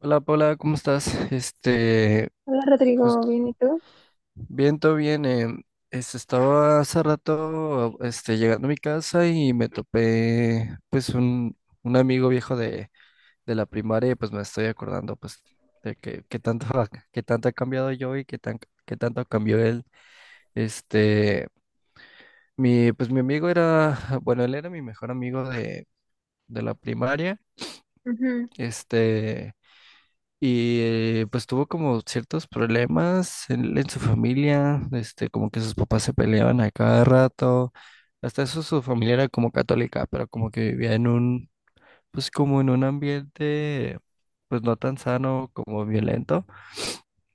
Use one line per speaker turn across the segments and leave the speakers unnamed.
Hola Paula, ¿cómo estás? Este,
Hola Rodrigo,
justo,
¿bien y tú?
bien, todo bien. Estaba hace rato, este, llegando a mi casa y me topé, pues, un amigo viejo de la primaria y pues me estoy acordando, pues, de que tanto, que tanto he cambiado yo y que que tanto cambió él. Este, pues mi amigo era, bueno, él era mi mejor amigo de la primaria.
Ujú.
Este... Y pues tuvo como ciertos problemas en su familia, este, como que sus papás se peleaban a cada rato. Hasta eso su familia era como católica, pero como que vivía en un, pues como en un ambiente, pues no tan sano como violento.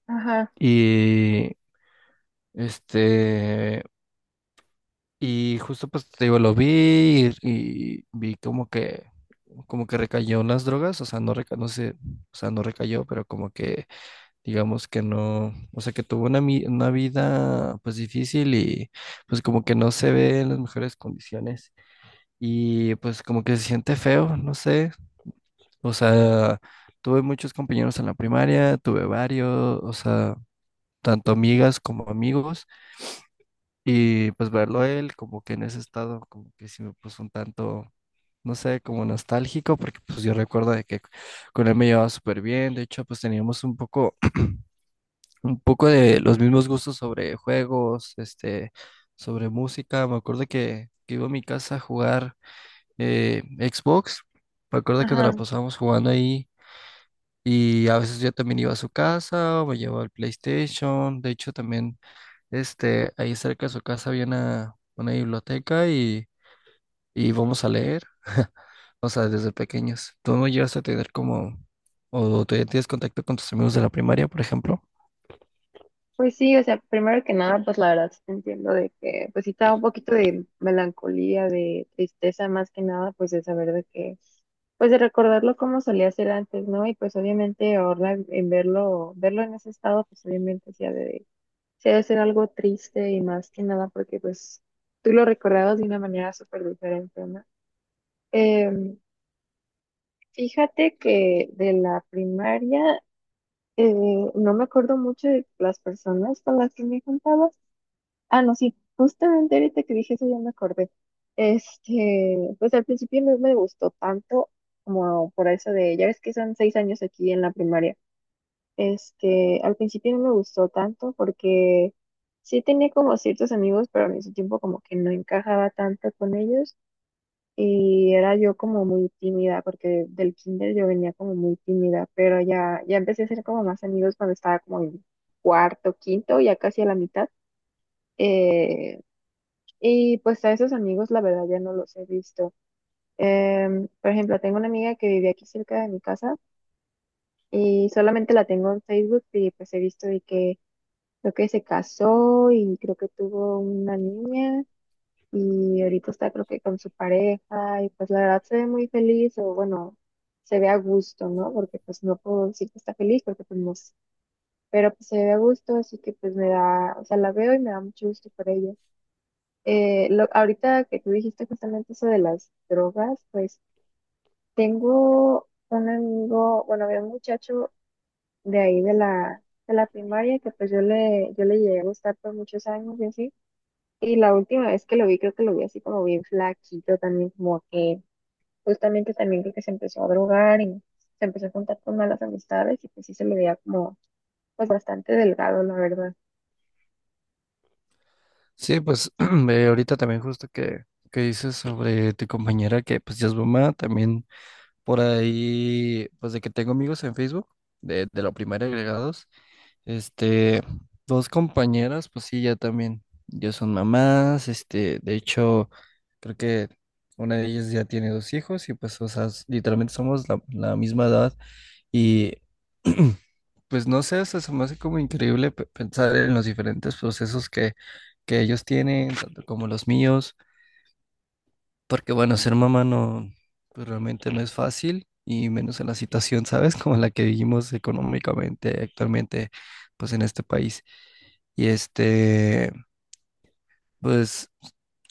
Ajá,
Y este, y justo pues te digo, lo vi y vi como que recayó en las drogas, o sea, no sé, o sea, no recayó, pero como que digamos que no, o sea, que tuvo una vida pues difícil y pues como que no se ve en las mejores condiciones y pues como que se siente feo, no sé, o sea, tuve muchos compañeros en la primaria, tuve varios, o sea, tanto amigas como amigos y pues verlo a él como que en ese estado como que sí me puso un tanto... No sé, como nostálgico, porque pues yo recuerdo de que con él me llevaba súper bien, de hecho pues teníamos un poco de los mismos gustos sobre juegos, este, sobre música. Me acuerdo que iba a mi casa a jugar Xbox. Me acuerdo que nos
ajá.
la pasábamos jugando ahí. Y a veces yo también iba a su casa, o me llevaba el PlayStation. De hecho, también este, ahí cerca de su casa había una biblioteca y íbamos a leer. O sea, desde pequeños. ¿Tú no llegaste a tener como, o todavía tienes contacto con tus amigos de la primaria, por ejemplo?
Pues sí, o sea, primero que nada, pues la verdad sí te entiendo de que, pues sí estaba un poquito de melancolía, de tristeza más que nada, pues de saber de que, pues de recordarlo como solía ser antes, ¿no? Y pues obviamente ahora en verlo, verlo en ese estado, pues obviamente sí ha de ser algo triste y más que nada porque pues tú lo recordabas de una manera súper diferente, ¿no? Em, Fíjate que de la primaria eh, no me acuerdo mucho de las personas con las que me juntaba. Ah, no, sí, justamente ahorita que dije eso ya me acordé. Este, pues al principio no me gustó tanto como por eso de, ya ves que son seis años aquí en la primaria. Este, al principio no me gustó tanto porque sí tenía como ciertos amigos, pero al mismo tiempo como que no encajaba tanto con ellos. Y era yo como muy tímida, porque del kinder yo venía como muy tímida, pero ya empecé a hacer como más amigos cuando estaba como en cuarto, quinto, ya casi a la mitad. Eh, y pues a esos amigos la verdad ya no los he visto. Por ejemplo, tengo una amiga que vive aquí cerca de mi casa y solamente la tengo en Facebook y pues he visto de que creo que se casó y creo que tuvo una niña. Y ahorita está creo que con su pareja y pues la verdad se ve muy feliz o bueno, se ve a gusto, ¿no? Porque pues no puedo decir que está feliz porque pues no sé, pero pues se ve a gusto, así que pues me da, o sea, la veo y me da mucho gusto por ella. Ahorita que tú dijiste justamente eso de las drogas, pues tengo un amigo, bueno, había un muchacho de ahí de la primaria que pues yo le llegué a gustar por muchos años y así. Y la última vez que lo vi, creo que lo vi así como bien flaquito también, como que justamente también creo que se empezó a drogar y se empezó a juntar con malas amistades y pues sí se me veía como pues bastante delgado, la verdad.
Sí, pues ahorita también justo que dices sobre tu compañera que pues ya es mamá, también por ahí, pues de que tengo amigos en Facebook de la primaria agregados. Este, dos compañeras, pues sí, ya también, ya son mamás, este, de hecho, creo que una de ellas ya tiene dos hijos y pues, o sea, literalmente somos la, la misma edad y pues no sé, o sea, se me hace como increíble pensar en los diferentes procesos que ellos tienen, tanto como los míos, porque bueno, ser mamá no, pues realmente no es fácil y menos en la situación, ¿sabes? Como la que vivimos económicamente actualmente, pues en este país. Y este, pues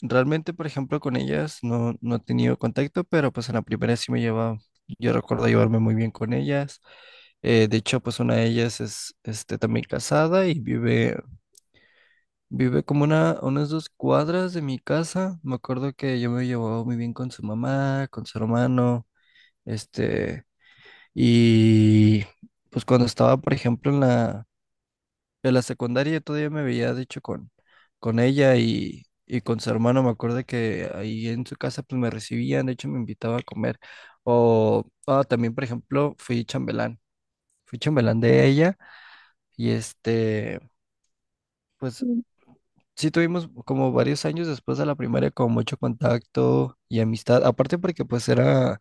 realmente, por ejemplo, con ellas no, no he tenido contacto, pero pues en la primera sí me llevaba, yo recuerdo llevarme muy bien con ellas. De hecho, pues una de ellas es este, también casada y vive, vive como una, unas dos cuadras de mi casa. Me acuerdo que yo me llevaba muy bien con su mamá, con su hermano, este, y pues cuando estaba, por ejemplo, en la, en la secundaria yo todavía me veía, de hecho, con ella y con su hermano. Me acuerdo que ahí en su casa pues me recibían, de hecho me invitaba a comer. O ah, también, por ejemplo, fui chambelán. Fui chambelán de ella y este, pues
Mm.
sí tuvimos como varios años después de la primaria como mucho contacto y amistad. Aparte porque pues era,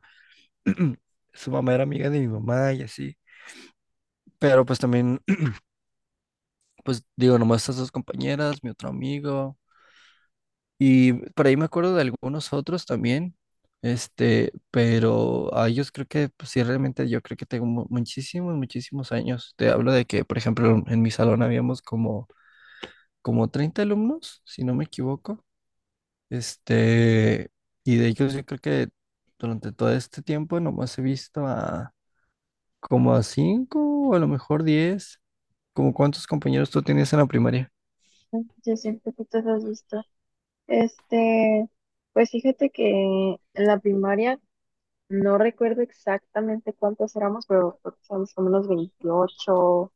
su mamá era amiga de mi mamá y así. Pero pues también, pues digo, nomás estas dos compañeras, mi otro amigo. Y por ahí me acuerdo de algunos otros también, este, pero a ellos creo que, pues sí, realmente yo creo que tengo muchísimos, muchísimos años. Te hablo de que, por ejemplo, en mi salón habíamos como, como 30 alumnos, si no me equivoco, este, y de ellos yo creo que durante todo este tiempo nomás he visto a como a 5 o a lo mejor 10 como cuántos compañeros tú tenías en la primaria.
Yo siempre que te has visto. Este, pues fíjate que en la primaria no recuerdo exactamente cuántos éramos, pero creo que éramos como unos veintiocho,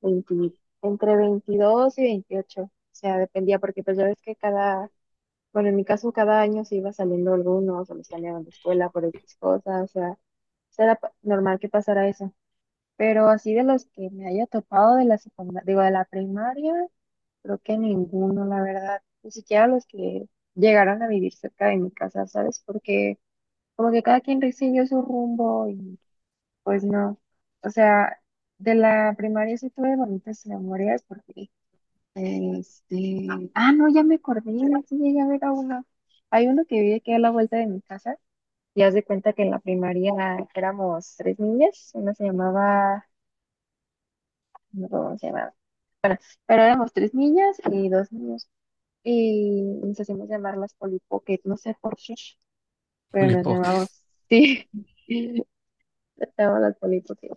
20, entre 22 y veintiocho. O sea, dependía, porque pues ya ves que cada, bueno, en mi caso, cada año se iba saliendo algunos, o los cambiaban de escuela por X cosas, o sea, era normal que pasara eso. Pero así de los que me haya topado de la secundaria, digo, de la primaria, creo que ninguno, la verdad. Ni siquiera los que llegaron a vivir cerca de mi casa, ¿sabes? Porque como que cada quien siguió su rumbo y pues no. O sea, de la primaria sí tuve bonitas memorias porque este, ah, no, ya me acordé, sí llegué a ver a uno. Hay uno que vive aquí a la vuelta de mi casa, y haz de cuenta que en la primaria éramos tres niñas, una se llamaba, no me acuerdo cómo se llamaba, pero éramos tres niñas y dos niños, y nos hacíamos llamar las Polly, no sé por qué, pero
Juli,
nos
poc.
llamamos, sí. Estaba las polipotes.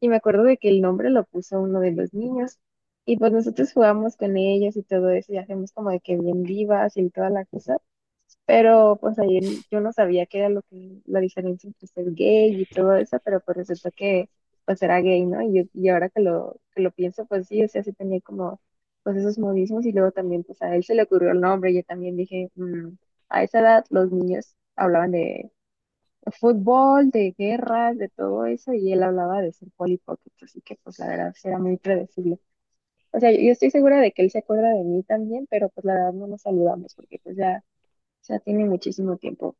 Y me acuerdo de que el nombre lo puso uno de los niños. Y pues nosotros jugamos con ellos y todo eso, y hacemos como de que bien vivas y toda la cosa. Pero pues ahí yo no sabía qué era lo que, la diferencia entre ser gay y todo eso, pero pues resultó que pues era gay, ¿no? Y ahora que que lo pienso, pues sí, o sea, sí tenía como pues esos modismos y luego también pues a él se le ocurrió el nombre, yo también dije, "Mm, a esa edad los niños hablaban de fútbol, de guerras, de todo eso, y él hablaba de ser polipocket, así que pues la verdad sí era muy predecible. O sea, yo estoy segura de que él se acuerda de mí también, pero pues la verdad no nos saludamos porque pues ya tiene muchísimo tiempo.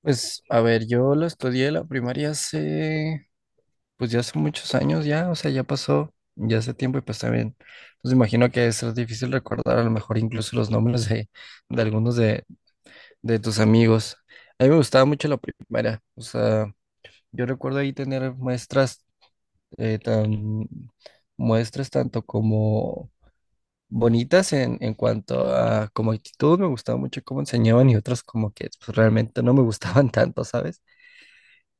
Pues, a ver, yo lo estudié la primaria hace... Pues ya hace muchos años ya, o sea, ya pasó, ya hace tiempo y pues también, pues imagino que es difícil recordar a lo mejor incluso los nombres de algunos de tus amigos. A mí me gustaba mucho la primaria, o sea, yo recuerdo ahí tener muestras, eh, tan, muestras tanto como bonitas en cuanto a como actitud, me gustaba mucho cómo enseñaban y otras como que pues, realmente no me gustaban tanto, ¿sabes?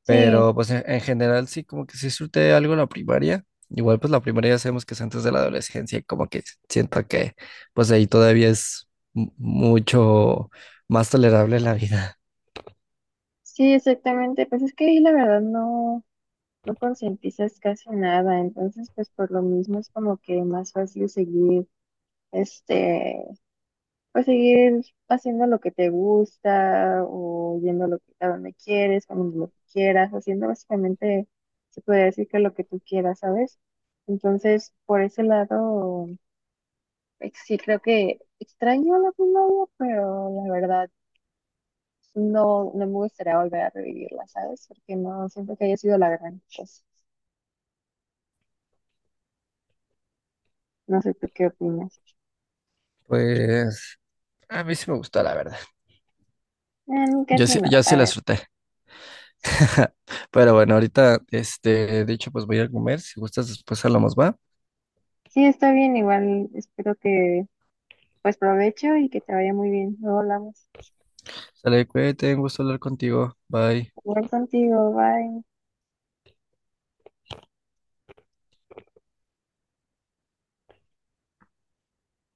Sí,
Pero pues en general sí, como que sí surte algo la primaria. Igual pues la primaria ya sabemos que es antes de la adolescencia, y como que siento que pues ahí todavía es mucho más tolerable la vida.
sí, exactamente. Pues es que ahí la verdad no, no concientizas casi nada, entonces pues por lo mismo es como que más fácil seguir este pues seguir haciendo lo que te gusta o yendo a, a donde quieres, cuando lo que quieras, haciendo básicamente, se podría decir que lo que tú quieras, ¿sabes? Entonces, por ese lado, sí creo que extraño la primaria, pero la verdad no, no me gustaría volver a revivirla, ¿sabes? Porque no siento que haya sido la gran cosa. No sé tú qué opinas.
Pues a mí sí me gustó, la verdad.
En
Yo
caso
sí,
no,
yo
a
sí la
ver.
disfruté. Pero bueno, ahorita, este, de hecho, pues voy a comer. Si gustas, después hablamos, ¿va?
Sí, está bien, igual espero que pues provecho y que te vaya muy bien. Luego hablamos.
Sale, cuídate, un gusto hablar contigo. Bye.
Jugar contigo, bye.